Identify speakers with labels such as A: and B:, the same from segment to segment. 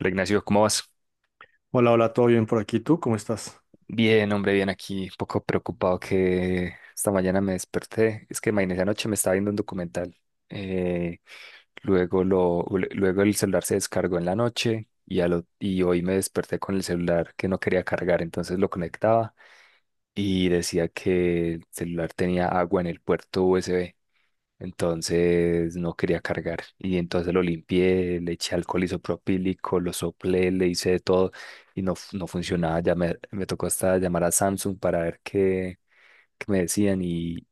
A: Hola, Ignacio, ¿cómo vas?
B: Hola, hola, ¿todo bien por aquí? ¿Tú cómo estás?
A: Bien, hombre, bien aquí, un poco preocupado que esta mañana me desperté. Es que imagínese, anoche me estaba viendo un documental. eh, luego, lo, luego el celular se descargó en la noche y, a lo y hoy me desperté con el celular que no quería cargar, entonces lo conectaba y decía que el celular tenía agua en el puerto USB. Entonces no quería cargar. Y entonces lo limpié, le eché alcohol isopropílico, lo soplé, le hice de todo y no, no funcionaba. Me tocó hasta llamar a Samsung para ver qué me decían.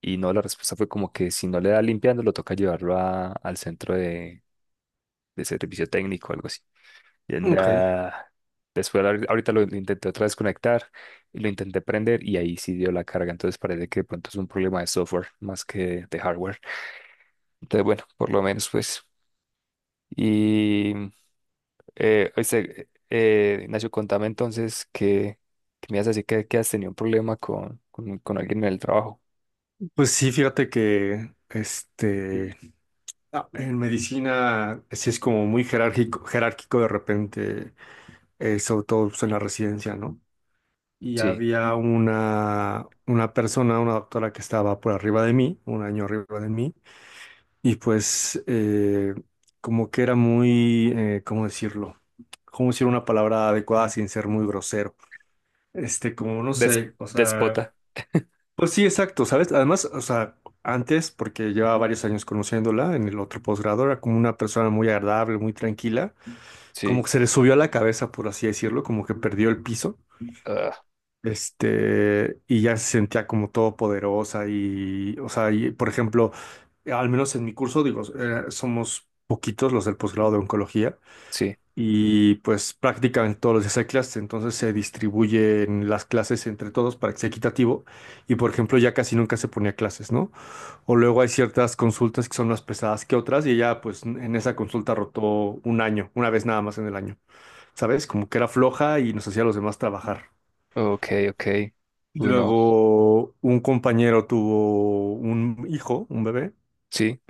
A: Y no, la respuesta fue como que si no le da limpiando, lo toca llevarlo al centro de servicio técnico o algo así. Y
B: Ok.
A: nada. Después ahorita lo intenté otra vez conectar y lo intenté prender y ahí sí dio la carga. Entonces parece que de pronto es un problema de software más que de hardware. Entonces, bueno, por lo menos pues. Y oíste, Ignacio, contame entonces que me has así que has tenido un problema con alguien en el trabajo.
B: Pues sí, fíjate que este en medicina sí es como muy jerárquico, jerárquico de repente, sobre todo pues, en la residencia, ¿no? Y
A: Sí,
B: había una persona, una doctora que estaba por arriba de mí, un año arriba de mí, y pues como que era muy, ¿cómo decirlo? ¿Cómo decir una palabra adecuada sin ser muy grosero? Este, como no sé, o sea.
A: Despota.
B: Pues sí, exacto, ¿sabes? Además, o sea, antes, porque llevaba varios años conociéndola en el otro posgrado, era como una persona muy agradable, muy tranquila, como
A: Sí,
B: que se le subió a la cabeza, por así decirlo, como que perdió el piso,
A: ah,
B: este, y ya se sentía como todopoderosa y, o sea, y, por ejemplo, al menos en mi curso, digo, somos poquitos los del posgrado de oncología
A: sí,
B: y pues prácticamente todos los días hay clases, entonces se distribuyen las clases entre todos para que sea equitativo y, por ejemplo, ya casi nunca se ponía clases, ¿no? O luego hay ciertas consultas que son más pesadas que otras y ella pues en esa consulta rotó un año, una vez nada más en el año, ¿sabes? Como que era floja y nos hacía a los demás trabajar.
A: ok, ok.
B: Y
A: Uy, no,
B: luego un compañero tuvo un hijo, un bebé,
A: sí,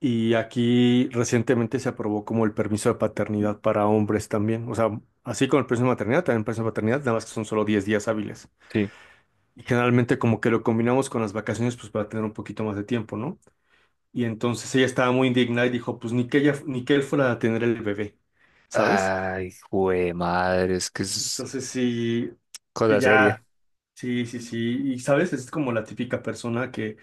B: y aquí recientemente se aprobó como el permiso de paternidad para hombres también. O sea, así como el permiso de maternidad, también el permiso de paternidad, nada más que son solo 10 días hábiles.
A: sí.
B: Y generalmente como que lo combinamos con las vacaciones pues para tener un poquito más de tiempo, ¿no? Y entonces ella estaba muy indignada y dijo, pues ni que ella, ni que él fuera a tener el bebé, ¿sabes?
A: Ay, güey, madre, es que es
B: Entonces sí,
A: cosa seria.
B: ya, sí, sí, sí. Y sabes, es como la típica persona que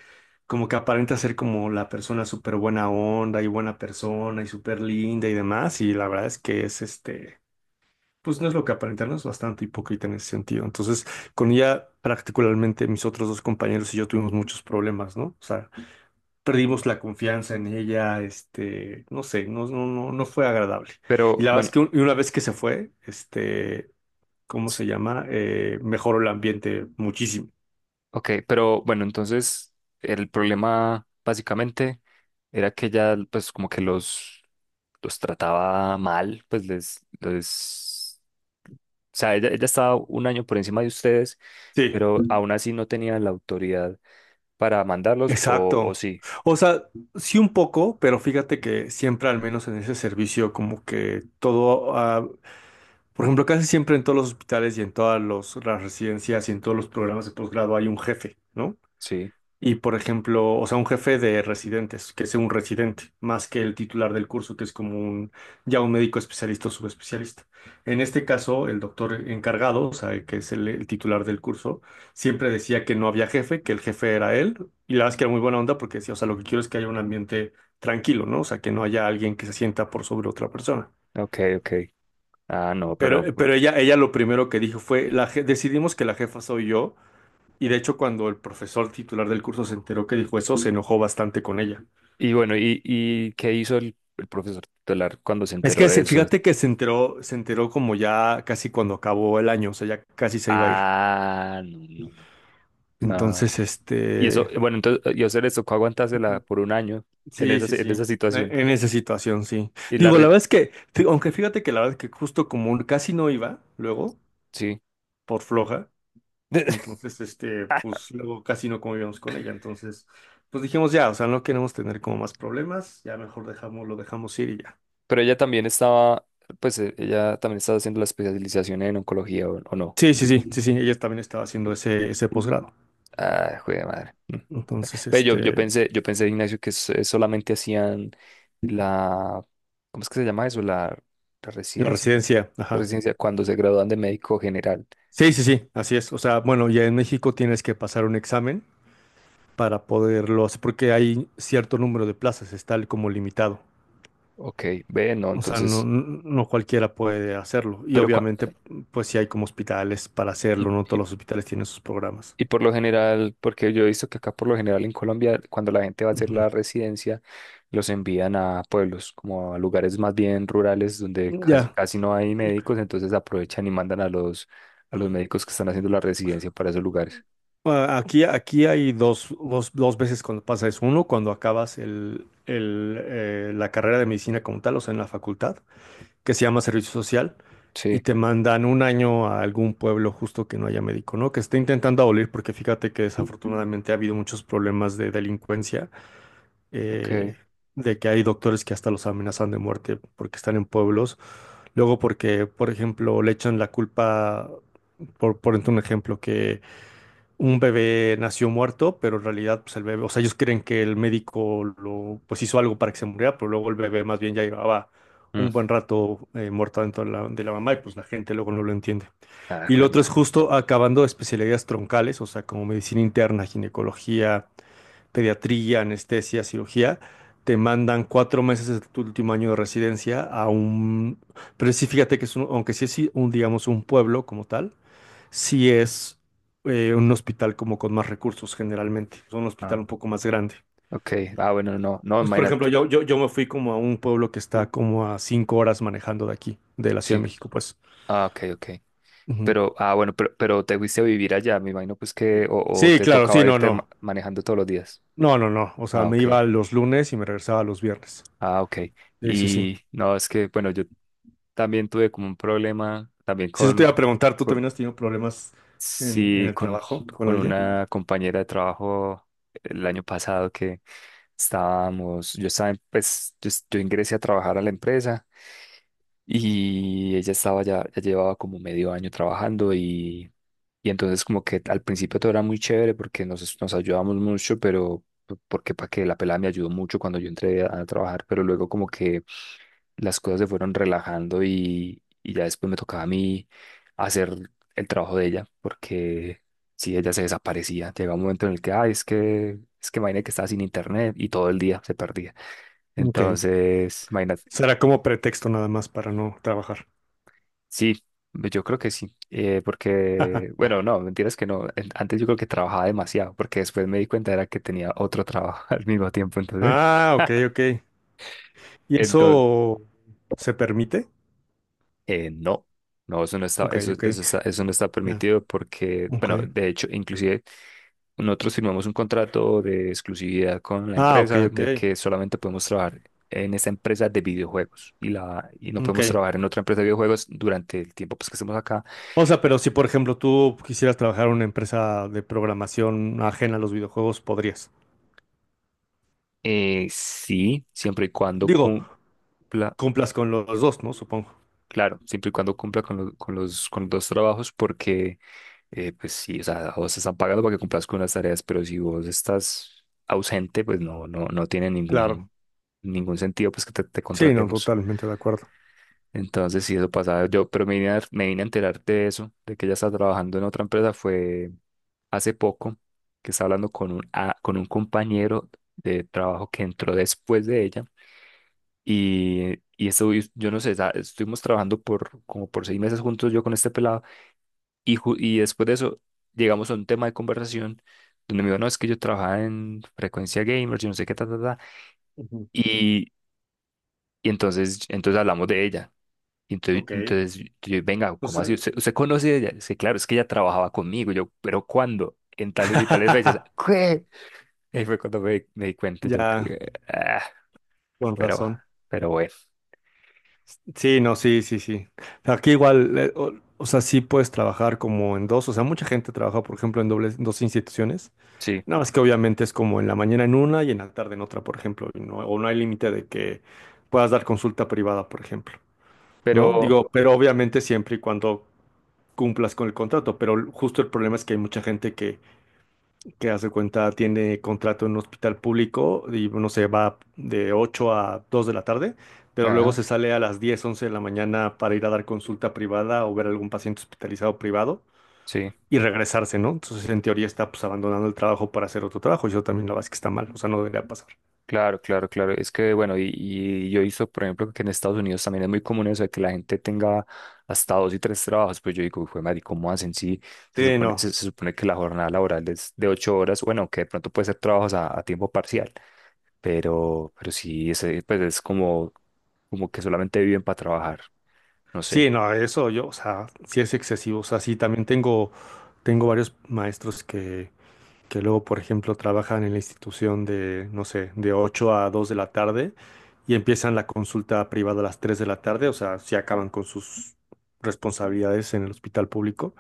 B: como que aparenta ser como la persona súper buena onda y buena persona y súper linda y demás. Y la verdad es que es este, pues no es lo que aparenta, no es bastante hipócrita en ese sentido. Entonces, con ella particularmente mis otros dos compañeros y yo tuvimos muchos problemas, ¿no? O sea, perdimos la confianza en ella, este, no sé, no, no, no, no fue agradable.
A: Pero
B: Y la verdad
A: bueno,
B: es que y una vez que se fue, este, ¿cómo
A: s-
B: se llama? Mejoró el ambiente muchísimo.
A: ok, pero bueno, entonces el problema básicamente era que ya pues como que los trataba mal, pues les... O sea, ella estaba un año por encima de ustedes,
B: Sí,
A: pero aún así no tenía la autoridad para mandarlos, o
B: exacto.
A: sí,
B: O sea, sí un poco, pero fíjate que siempre, al menos en ese servicio, como que todo, por ejemplo, casi siempre en todos los hospitales y en todas las residencias y en todos los programas de posgrado hay un jefe, ¿no?
A: sí,
B: Y por ejemplo, o sea, un jefe de residentes, que sea un residente, más que el titular del curso, que es como un, ya un médico especialista o subespecialista. En este caso, el doctor encargado, o sea, que es el titular del curso, siempre decía que no había jefe, que el jefe era él, y la verdad es que era muy buena onda porque decía, o sea, lo que quiero es que haya un ambiente tranquilo, ¿no? O sea, que no haya alguien que se sienta por sobre otra persona.
A: ok, ok. Ah, no, pero...
B: Pero ella, ella lo primero que dijo fue, la, decidimos que la jefa soy yo y de hecho, cuando el profesor titular del curso se enteró que dijo eso, se enojó bastante con ella.
A: Y bueno, ¿ y qué hizo el profesor tutelar cuando se
B: Es
A: enteró
B: que
A: de eso?
B: fíjate que se enteró como ya casi cuando acabó el año, o sea, ya casi se iba a ir.
A: Ah, no, no, no. Ah,
B: Entonces,
A: y eso,
B: este,
A: bueno, entonces, y a ustedes les tocó aguantársela
B: Ujú.
A: por un año en
B: Sí,
A: esa,
B: sí, sí.
A: en esa
B: E-
A: situación.
B: En esa situación, sí.
A: Y la...
B: Digo, la
A: re-
B: verdad es que, aunque fíjate que la verdad es que justo como casi no iba, luego,
A: Sí.
B: por floja, entonces, este, pues luego casi no convivíamos con ella. Entonces, pues dijimos ya, o sea, no queremos tener como más problemas, ya mejor dejamos, lo dejamos ir y ya.
A: Pero ella también estaba, pues ella también estaba haciendo la especialización en oncología o no.
B: Sí, sí, sí, sí, sí, ella también estaba haciendo ese, ese posgrado.
A: Ah, jue de madre. Mm.
B: Entonces,
A: Ve,
B: este,
A: yo pensé, Ignacio, que solamente hacían la, ¿cómo es que se llama eso? La
B: la
A: residencia.
B: residencia,
A: La
B: ajá.
A: residencia cuando se gradúan de médico general.
B: Sí, sí, sí, así es. O sea, bueno, ya en México tienes que pasar un examen para poderlo hacer, porque hay cierto número de plazas, está como limitado.
A: Ok, ve, no,
B: O sea, no,
A: entonces,
B: no no cualquiera puede hacerlo. Y
A: pero cua-
B: obviamente, pues sí hay como hospitales para
A: y-
B: hacerlo, no todos los hospitales tienen sus programas.
A: Y por lo general, porque yo he visto que acá por lo general en Colombia, cuando la gente va a hacer
B: Ujú.
A: la residencia, los envían a pueblos, como a lugares más bien rurales donde casi,
B: Ya,
A: casi no hay médicos, entonces aprovechan y mandan a a los médicos que están haciendo la residencia para esos lugares.
B: ah, aquí hay dos, dos, dos veces cuando pasa eso. Uno, cuando acabas la carrera de medicina como tal, o sea, en la facultad, que se llama servicio social, y
A: Sí,
B: te mandan un año a algún pueblo justo que no haya médico, ¿no? Que esté intentando abolir, porque fíjate que desafortunadamente ha habido muchos problemas de delincuencia, eh,
A: ok.
B: de que hay doctores que hasta los amenazan de muerte porque están en pueblos. Luego porque, por ejemplo, le echan la culpa, por ejemplo, un ejemplo, que un bebé nació muerto, pero en realidad, pues el bebé, o sea, ellos creen que el médico lo, pues hizo algo para que se muriera, pero luego el bebé más bien ya llevaba
A: Mm.
B: un buen rato muerto dentro de la mamá y pues la gente luego no lo entiende.
A: Ah,
B: Y lo
A: jue
B: otro es
A: madre.
B: justo acabando especialidades troncales, o sea, como medicina interna, ginecología, pediatría, anestesia, cirugía. Te mandan 4 meses de tu último año de residencia a un... Pero sí, fíjate que es un, aunque sí es sí, un, digamos, un pueblo como tal, si es un hospital como con más recursos generalmente, es un hospital
A: Ah,
B: un poco más grande.
A: ok. Ah, bueno, no, no,
B: Pues, por ejemplo,
A: imagínate.
B: yo me fui como a un pueblo que está como a 5 horas manejando de aquí, de la Ciudad
A: Sí.
B: de México, pues.
A: Ah, ok, ok.
B: Ujú.
A: Pero, ah, bueno, pero te fuiste a vivir allá, me imagino pues o
B: Sí,
A: te
B: claro, sí,
A: tocaba
B: no,
A: irte
B: no.
A: manejando todos los días.
B: No, no, no. O sea,
A: Ah,
B: me
A: ok.
B: iba los lunes y me regresaba los viernes.
A: Ah, ok.
B: Sí, sí, sí.
A: Y no, es que, bueno, yo también tuve como un problema también
B: Si eso te iba a preguntar, ¿tú
A: con,
B: también has tenido problemas en
A: Sí,
B: el trabajo con
A: con
B: alguien?
A: una compañera de trabajo el año pasado que yo estaba, yo ingresé a trabajar a la empresa y ella estaba ya, ya llevaba como medio año trabajando y entonces como que al principio todo era muy chévere porque nos ayudamos mucho, pero porque para que la pelada me ayudó mucho cuando yo entré a trabajar, pero luego como que las cosas se fueron relajando y ya después me tocaba a mí hacer el trabajo de ella, porque si ella se desaparecía, llegaba un momento en el que, ah, es que imagínate que estaba sin internet y todo el día se perdía.
B: Ok.
A: Entonces, imagínate,
B: Será como pretexto nada más para no trabajar.
A: sí, yo creo que sí, porque, bueno, no, mentiras que no, en- antes yo creo que trabajaba demasiado, porque después me di cuenta era que tenía otro trabajo al mismo tiempo, entonces...
B: Ah, ok, ok. ¿Y eso se permite?
A: No, no, eso no está,
B: Ok, ok.
A: eso no está
B: Ya,
A: permitido porque,
B: ok.
A: bueno, de hecho, inclusive nosotros firmamos un contrato de exclusividad con la
B: Ah, ok,
A: empresa de
B: ok.
A: que solamente podemos trabajar en esa empresa de videojuegos y no
B: Ok.
A: podemos trabajar en otra empresa de videojuegos durante el tiempo pues, que estemos acá.
B: O sea, pero si por ejemplo tú quisieras trabajar en una empresa de programación ajena a los videojuegos, podrías.
A: Sí, siempre y cuando
B: Digo,
A: cumpla.
B: cumplas con lo- los dos, ¿no? Supongo.
A: Claro, siempre y cuando cumpla con, con los dos trabajos, porque pues sí, o sea, a vos te están pagando para que cumplas con las tareas, pero si vos estás ausente, pues no, no, no tiene
B: Claro.
A: ningún, ningún sentido pues que te
B: Sí, no,
A: contratemos.
B: totalmente de acuerdo.
A: Entonces, sí, eso pasaba yo, pero me vine me vine a enterar de eso, de que ella está trabajando en otra empresa, fue hace poco que estaba hablando con un, con un compañero de trabajo que entró después de ella y esto, y yo no sé, estuvimos trabajando por como por 6 meses juntos yo con este pelado y después de eso llegamos a un tema de conversación donde me dijo, no, es que yo trabajaba en Frecuencia Gamers, yo no sé qué, ta, ta, ta,
B: Ujú.
A: y, entonces hablamos de ella. Y entonces,
B: Ok.
A: entonces yo, venga,
B: O
A: ¿cómo
B: sea,
A: así? Usted conoce a ella? Es que claro, es que ella trabajaba conmigo. Y yo, pero ¿cuándo? En tales y tales fechas. ¿Qué? Y ahí fue cuando me di cuenta yo
B: ya,
A: que, ah,
B: con
A: pero,
B: razón.
A: pero bueno,
B: Sí, no, sí, sí, sí. Aquí igual, o sea, sí puedes trabajar como en dos. O sea, mucha gente trabaja, por ejemplo, en dobles, en dos instituciones.
A: sí,
B: No, es que obviamente es como en la mañana en una y en la tarde en otra, por ejemplo, y no, o no hay límite de que puedas dar consulta privada, por ejemplo, ¿no?
A: pero,
B: Digo, pero obviamente siempre y cuando cumplas con el contrato, pero justo el problema es que hay mucha gente que hace cuenta, tiene contrato en un hospital público y, no sé, va de 8 a 2 de la tarde, pero luego
A: ajá.
B: se sale a las 10, 11 de la mañana para ir a dar consulta privada o ver algún paciente hospitalizado privado
A: Sí.
B: y regresarse, ¿no? Entonces, en teoría está pues abandonando el trabajo para hacer otro trabajo. Yo también la verdad es que está mal, o sea, no debería pasar.
A: Claro, claro, claro. Es que, bueno, y yo he visto, por ejemplo, que en Estados Unidos también es muy común eso de que la gente tenga hasta dos y tres trabajos. Pues yo digo, fue madre, ¿cómo hacen? Sí,
B: Sí, no.
A: se supone que la jornada laboral es de 8 horas, bueno, que de pronto puede ser trabajos a tiempo parcial, pero sí, ese, pues es como, como que solamente viven para trabajar. No sé.
B: Sí, no, eso yo, o sea, sí es excesivo. O sea, sí, también tengo, tengo varios maestros que luego, por ejemplo, trabajan en la institución de, no sé, de 8 a 2 de la tarde y empiezan la consulta privada a las 3 de la tarde. O sea, sí acaban con sus responsabilidades en el hospital público.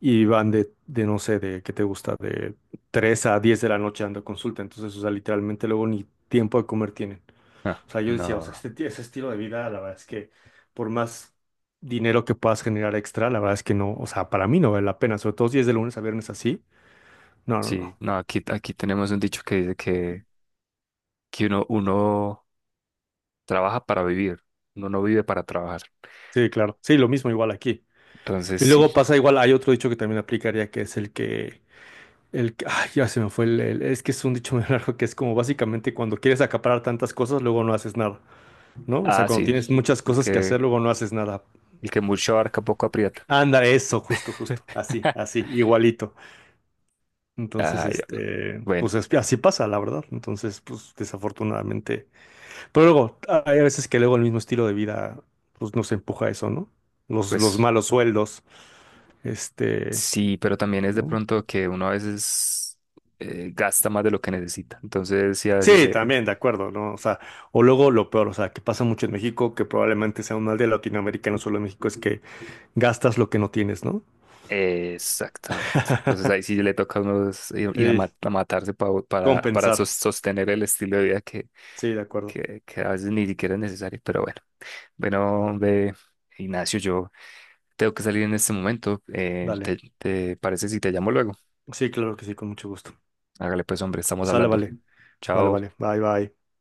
B: Y van de, no sé, de qué te gusta, de 3 a 10 de la noche dando consulta. Entonces, o sea, literalmente luego ni tiempo de comer tienen.
A: Ah,
B: O sea, yo decía, o sea,
A: no.
B: este, ese estilo de vida, la verdad es que por más dinero que puedas generar extra, la verdad es que no, o sea, para mí no vale la pena, sobre todo si es de lunes a viernes así. No, no,
A: Sí,
B: no.
A: no, aquí, aquí tenemos un dicho que dice que uno trabaja para vivir, uno no vive para trabajar.
B: Sí, claro. Sí, lo mismo igual aquí.
A: Entonces
B: Y
A: sí.
B: luego pasa igual, hay otro dicho que también aplicaría que es el que, ay, ya se me fue es que es un dicho muy largo que es como básicamente cuando quieres acaparar tantas cosas, luego no haces nada. ¿No? O sea,
A: Ah,
B: cuando
A: sí.
B: tienes muchas
A: El
B: cosas que
A: que,
B: hacer, luego no haces nada.
A: el que mucho abarca poco aprieta.
B: Anda, eso, justo, justo. Así, así, igualito. Entonces,
A: Ay, hombre.
B: este,
A: Bueno,
B: pues así pasa, la verdad. Entonces, pues desafortunadamente. Pero luego, hay veces que luego el mismo estilo de vida, pues nos empuja a eso, ¿no? Los
A: pues
B: malos sueldos, este,
A: sí, pero también es de
B: ¿no?
A: pronto que uno a veces gasta más de lo que necesita. Entonces sí, a veces
B: Sí,
A: se,
B: también, de acuerdo, ¿no? O sea, o luego lo peor, o sea, que pasa mucho en México, que probablemente sea un mal de Latinoamérica, no solo en México, es que gastas lo que no tienes, ¿no?
A: Exactamente. Entonces ahí sí le toca a uno es ir ir
B: Sí,
A: a matarse para
B: compensar.
A: sostener el estilo de vida
B: Sí, de acuerdo.
A: que a veces ni siquiera es necesario. Pero bueno, bueno, ve, Ignacio, yo tengo que salir en este momento. ¿Te,
B: Dale.
A: te parece si te llamo luego?
B: Sí, claro que sí, con mucho gusto.
A: Hágale pues, hombre, estamos
B: Sale,
A: hablando.
B: vale. Vale,
A: Chao.
B: vale. Bye, bye.